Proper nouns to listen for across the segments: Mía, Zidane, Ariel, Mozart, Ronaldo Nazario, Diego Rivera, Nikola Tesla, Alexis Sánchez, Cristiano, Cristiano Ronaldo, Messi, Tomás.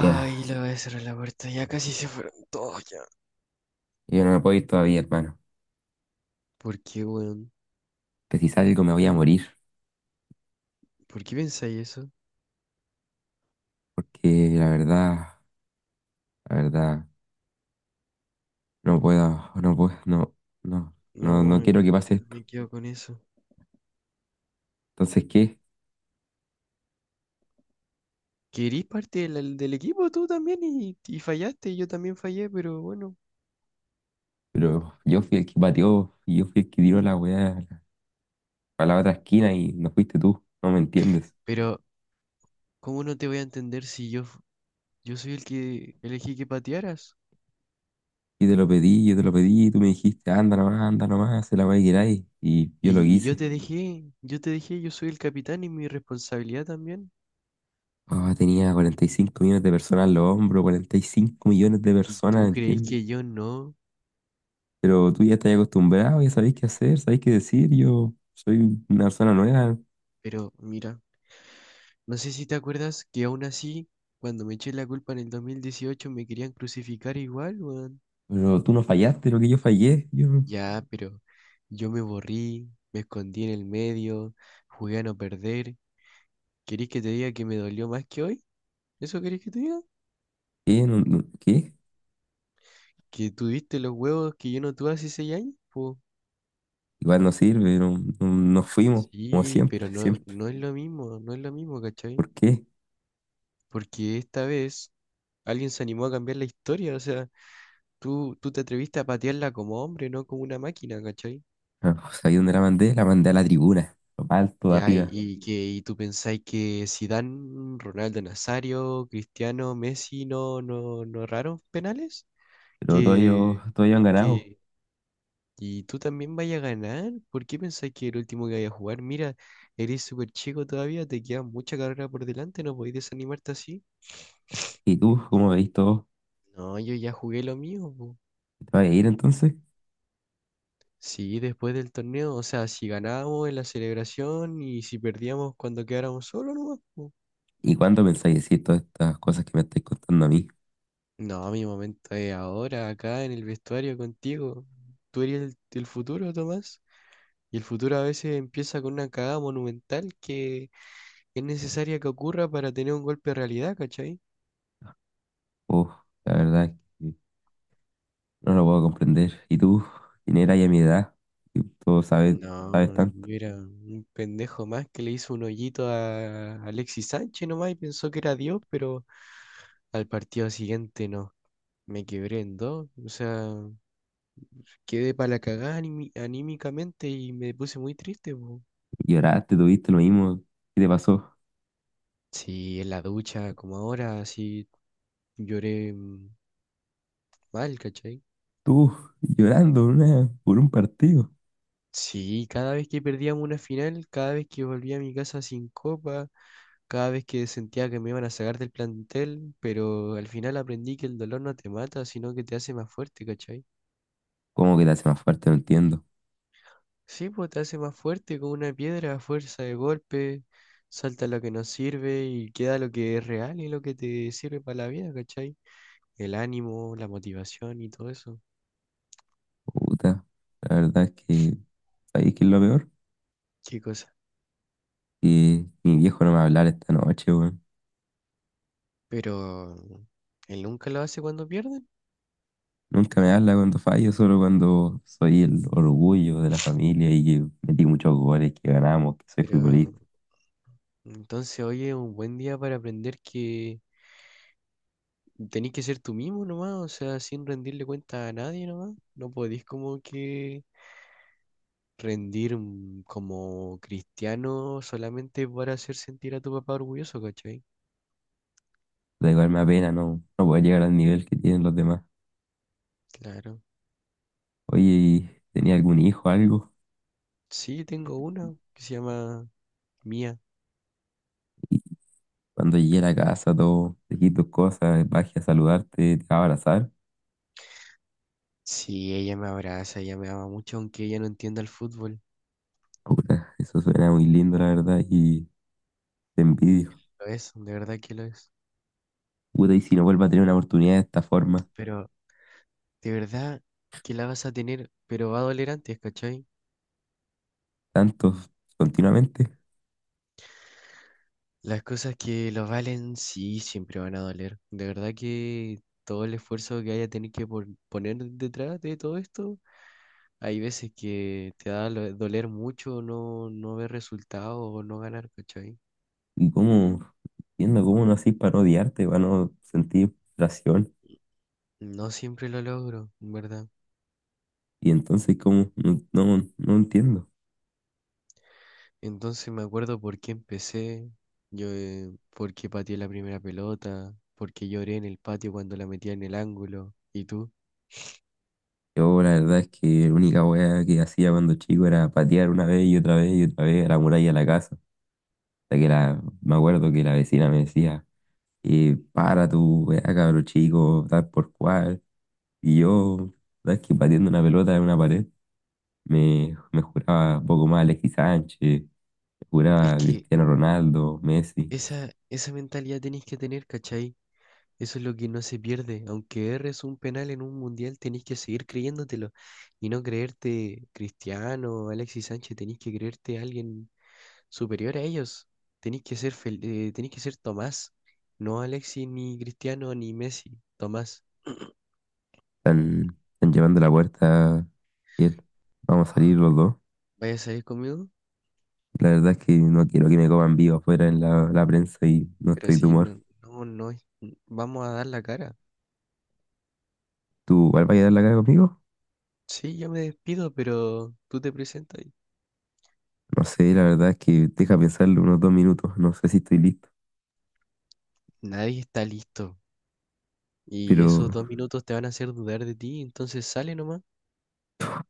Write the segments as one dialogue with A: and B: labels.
A: Ya,
B: le voy a cerrar la puerta. Ya casi se fueron todos ya.
A: yo no me puedo ir todavía, hermano.
B: ¿Por qué, weón?
A: Que si salgo me voy a morir.
B: ¿Por qué pensáis eso?
A: Porque la verdad, no puedo, no puedo, no, no, no,
B: No,
A: no
B: no
A: quiero que pase esto.
B: me quedo con eso.
A: Entonces, ¿qué?
B: Querís parte del equipo tú también y fallaste, y yo también fallé, pero bueno.
A: Pero yo fui el que pateó y yo fui el que tiró la weá a la otra esquina y no fuiste tú. No me entiendes.
B: Pero, ¿cómo no te voy a entender si yo soy el que elegí que patearas?
A: Y te lo pedí, yo te lo pedí, y tú me dijiste, anda nomás, se la weá que queráis. Y yo lo
B: Y yo
A: hice.
B: te dejé, yo soy el capitán y mi responsabilidad también.
A: Ah, tenía 45 millones de personas en los hombros, 45 millones de
B: Y
A: personas,
B: tú creéis
A: ¿entiendes?
B: que yo no,
A: Pero tú ya estás acostumbrado, ya sabéis qué hacer, sabéis qué decir. Yo soy una persona nueva,
B: pero mira. No sé si te acuerdas que aún así, cuando me eché la culpa en el 2018, me querían crucificar igual, weón.
A: pero tú no fallaste, lo que yo fallé. Yo,
B: Ya, pero yo me borrí, me escondí en el medio, jugué a no perder. ¿Querés que te diga que me dolió más que hoy? ¿Eso querés que te diga?
A: ¿qué? ¿Qué?
B: ¿Que tuviste los huevos que yo no tuve hace 6 años, po?
A: Igual no sirve, no, nos fuimos, como
B: Sí, pero
A: siempre,
B: no,
A: siempre.
B: no es lo mismo, no es lo mismo, ¿cachai?
A: ¿Por qué?
B: Porque esta vez alguien se animó a cambiar la historia, o sea, tú te atreviste a patearla como hombre, no como una máquina, ¿cachai?
A: Ah, ¿sabéis dónde la mandé? La mandé a la tribuna, lo más alto de
B: Ya, y,
A: arriba.
B: y que y tú pensáis que Zidane, Ronaldo Nazario, Cristiano, Messi no, no, no erraron penales,
A: Pero
B: que,
A: todos ellos han ganado.
B: que y tú también vayas a ganar. ¿Por qué pensáis que el último que vaya a jugar? Mira, eres súper chico todavía, te queda mucha carrera por delante, no podéis desanimarte así.
A: ¿Y tú, cómo veis todo?
B: No, yo ya jugué lo mío, po.
A: ¿Te vas a ir entonces?
B: Sí, después del torneo, o sea, si ganábamos en la celebración y si perdíamos cuando quedáramos solos, nomás, po.
A: ¿Y cuándo pensáis decir todas estas cosas que me estáis contando a mí?
B: No, mi momento es ahora, acá en el vestuario contigo. Tú eres el futuro, Tomás. Y el futuro a veces empieza con una cagada monumental que es necesaria que ocurra para tener un golpe de realidad, ¿cachai?
A: Uf, la verdad. No lo puedo comprender. ¿Y tú? ¿Quién eras y a mi edad? Y tú sabes, sabes
B: No,
A: tanto.
B: yo era un pendejo más que le hizo un hoyito a Alexis Sánchez nomás y pensó que era Dios, pero al partido siguiente no. Me quebré en dos. O sea, quedé para la cagada anímicamente y me puse muy triste, po.
A: Lloraste, tuviste lo mismo. ¿Qué te pasó?
B: Sí, en la ducha, como ahora, sí lloré mal, ¿cachai?
A: Tú, llorando por un partido.
B: Sí, cada vez que perdíamos una final, cada vez que volvía a mi casa sin copa, cada vez que sentía que me iban a sacar del plantel, pero al final aprendí que el dolor no te mata, sino que te hace más fuerte, ¿cachai?
A: ¿Cómo que te hace más fuerte? No entiendo.
B: Sí, pues te hace más fuerte como una piedra a fuerza de golpe, salta lo que no sirve y queda lo que es real y lo que te sirve para la vida, ¿cachai? El ánimo, la motivación y todo eso.
A: Puta, la verdad es que, ¿sabes qué es lo peor?
B: Qué cosa.
A: Que mi viejo no me va a hablar esta noche, weón.
B: Pero él nunca lo hace cuando pierden,
A: Nunca me habla cuando fallo, solo cuando soy el orgullo de la familia y que metí muchos goles, que ganamos, que soy
B: pero
A: futbolista.
B: entonces hoy es un buen día para aprender que tenés que ser tú mismo nomás, o sea, sin rendirle cuenta a nadie nomás. No podés como que rendir como cristiano solamente para hacer sentir a tu papá orgulloso, ¿cachai?
A: Da igual me apena, no, no puedo llegar al nivel que tienen los demás.
B: Claro.
A: Oye, ¿y tenía algún hijo, algo?
B: Sí, tengo una que se llama Mía.
A: Y cuando llegué a la casa, todo, dejé tus cosas, bajé a saludarte, te va a abrazar.
B: Sí, ella me abraza, ella me ama mucho, aunque ella no entienda el fútbol.
A: Puta, eso suena muy lindo, la verdad, y te envidio.
B: Lo es, de verdad que lo es.
A: Puta, y si no vuelvo a tener una oportunidad de esta forma,
B: Pero de verdad que la vas a tener, pero va a doler antes, ¿cachai?
A: tantos, continuamente.
B: Las cosas que lo valen sí siempre van a doler. De verdad que todo el esfuerzo que haya tenido que poner detrás de todo esto, hay veces que te da doler mucho no ver resultados o no ganar, ¿cachai?
A: Y cómo, entiendo cómo no así para no odiarte, para no sentir frustración.
B: No siempre lo logro, en ¿verdad?
A: Y entonces, ¿cómo? No, no, no entiendo.
B: Entonces me acuerdo por qué empecé, yo, por qué pateé la primera pelota, por qué lloré en el patio cuando la metía en el ángulo. ¿Y tú?
A: Yo, la verdad es que la única wea que hacía cuando chico era patear una vez y otra vez y otra vez a la muralla de la casa. Hasta que me acuerdo que la vecina me decía, para tu weá, cabro chico, tal por cual. Y yo, ¿sabes que batiendo una pelota en una pared, me juraba poco más Alexis Sánchez, me
B: Es
A: juraba
B: que
A: Cristiano Ronaldo, Messi.
B: esa mentalidad tenés que tener, ¿cachai? Eso es lo que no se pierde. Aunque erres un penal en un mundial, tenés que seguir creyéndotelo y no creerte Cristiano, Alexis Sánchez, tenés que creerte alguien superior a ellos. Tenés que ser Tomás, no Alexis, ni Cristiano, ni Messi, Tomás.
A: Están llevando la puerta, Kiel. Vamos a salir
B: Ah,
A: los dos.
B: ¿vaya a salir conmigo?
A: La verdad es que no quiero que me coman vivo afuera en la prensa
B: Mm.
A: y no
B: Pero
A: estoy de
B: si
A: humor.
B: no, no, no, vamos a dar la cara.
A: ¿Tú igual vas a dar la cara conmigo?
B: Sí, yo me despido, pero tú te presentas. Y
A: No sé, la verdad es que deja pensarlo unos 2 minutos. No sé si estoy listo,
B: nadie está listo. Y esos
A: pero.
B: 2 minutos te van a hacer dudar de ti, entonces sale nomás.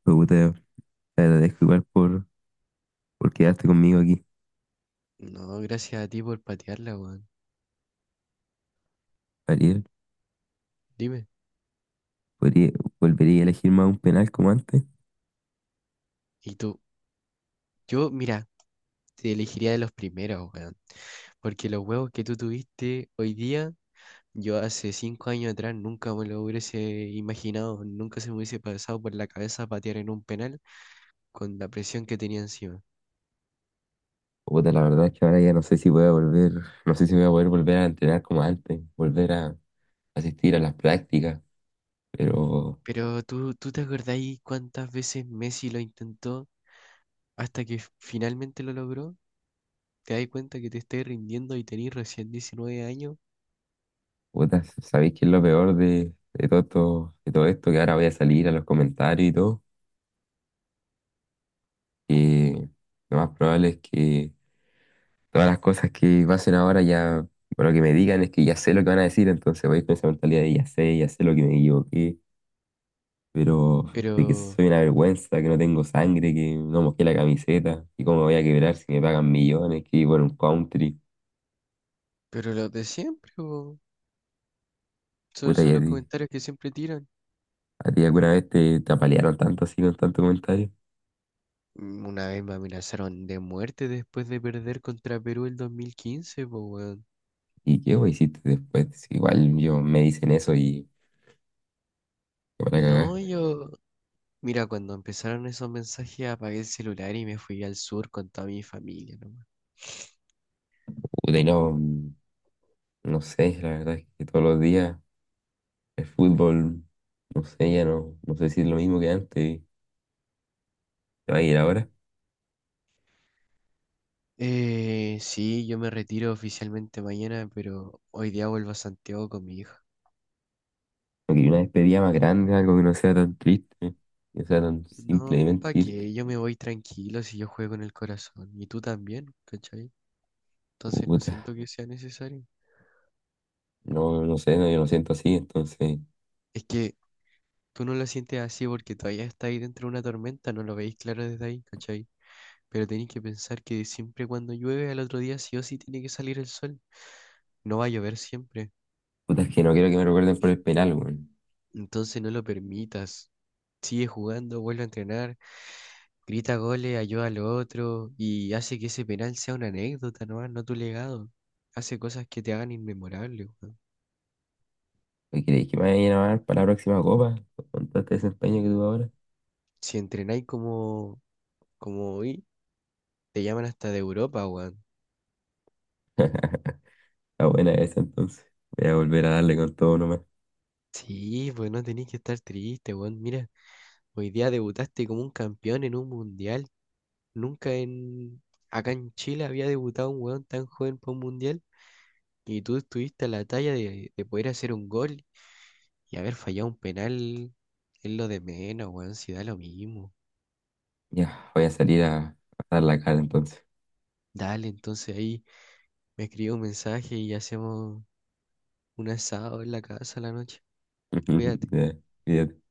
A: Me gusta, te agradezco igual por quedarte conmigo aquí,
B: No, gracias a ti por patearla, weón.
A: Ariel.
B: Dime.
A: Podría, ¿Volvería a elegir más un penal como antes?
B: Y tú, yo, mira, te elegiría de los primeros, weón. Porque los huevos que tú tuviste hoy día, yo hace 5 años atrás nunca me lo hubiese imaginado, nunca se me hubiese pasado por la cabeza patear en un penal con la presión que tenía encima.
A: Puta, la verdad es que ahora ya no sé si voy a volver, no sé si voy a poder volver a entrenar como antes, volver a asistir a las prácticas, pero
B: Pero tú, ¿tú te acordáis cuántas veces Messi lo intentó hasta que finalmente lo logró? ¿Te das cuenta que te estás rindiendo y tenés recién 19 años?
A: puta, ¿sabéis qué es lo peor de todo esto, de todo esto? Que ahora voy a salir a los comentarios y todo, que lo más probable es que todas las cosas que pasen ahora ya, bueno, que me digan es que ya sé lo que van a decir, entonces voy con esa mentalidad de ya sé lo que me equivoqué, pero de que
B: Pero,
A: soy una vergüenza, que no tengo sangre, que no mojé la camiseta, y cómo me voy a quebrar si me pagan millones, que vivo un country.
B: pero lo de siempre, po. Son
A: Puta, y
B: son los comentarios que siempre tiran.
A: a ti alguna vez te apalearon tanto así con tanto comentario.
B: Una vez me amenazaron de muerte después de perder contra Perú el 2015, pues, weón.
A: ¿Y qué vos hiciste después? Si igual yo me dicen eso y me van a
B: No,
A: cagar.
B: yo, mira, cuando empezaron esos mensajes apagué el celular y me fui al sur con toda mi familia, nomás.
A: Puta, y no, no sé, la verdad es que todos los días el fútbol, no sé, ya no, no sé si es lo mismo que antes, te va a ir ahora.
B: Sí, yo me retiro oficialmente mañana, pero hoy día vuelvo a Santiago con mi hija.
A: Porque una despedida más grande, algo que no sea tan triste, que sea tan
B: No,
A: simplemente
B: ¿para
A: irte.
B: qué? Yo me voy tranquilo si yo juego con el corazón. Y tú también, ¿cachai? Entonces no
A: Puta.
B: siento que sea necesario.
A: No, no sé, no, yo lo siento así, entonces.
B: Es que tú no lo sientes así porque todavía está ahí dentro de una tormenta, no lo veis claro desde ahí, ¿cachai? Pero tenéis que pensar que siempre cuando llueve al otro día sí o sí tiene que salir el sol. No va a llover siempre.
A: Puta, es que no quiero que me recuerden por el penal, weón.
B: Entonces no lo permitas. Sigue jugando, vuelve a entrenar, grita goles, ayuda al otro y hace que ese penal sea una anécdota, ¿no? No tu legado. Hace cosas que te hagan inmemorable, weón.
A: ¿Me creéis que me vayan a llamar para la próxima copa? Con todo este desempeño que tuve ahora.
B: Si entrenáis como, hoy, te llaman hasta de Europa, weón.
A: Está buena esa, entonces. Voy a volver a darle con todo nomás.
B: Sí, pues no tenéis que estar triste, weón. Mira, hoy día debutaste como un campeón en un mundial. Nunca en acá en Chile había debutado un weón tan joven para un mundial. Y tú estuviste a la talla de poder hacer un gol y haber fallado un penal es lo de menos, weón, si da lo mismo.
A: Ya, voy a salir a dar la cara, entonces.
B: Dale, entonces ahí me escribe un mensaje y hacemos un asado en la casa a la noche. Cuídate.
A: Ya, cuídate.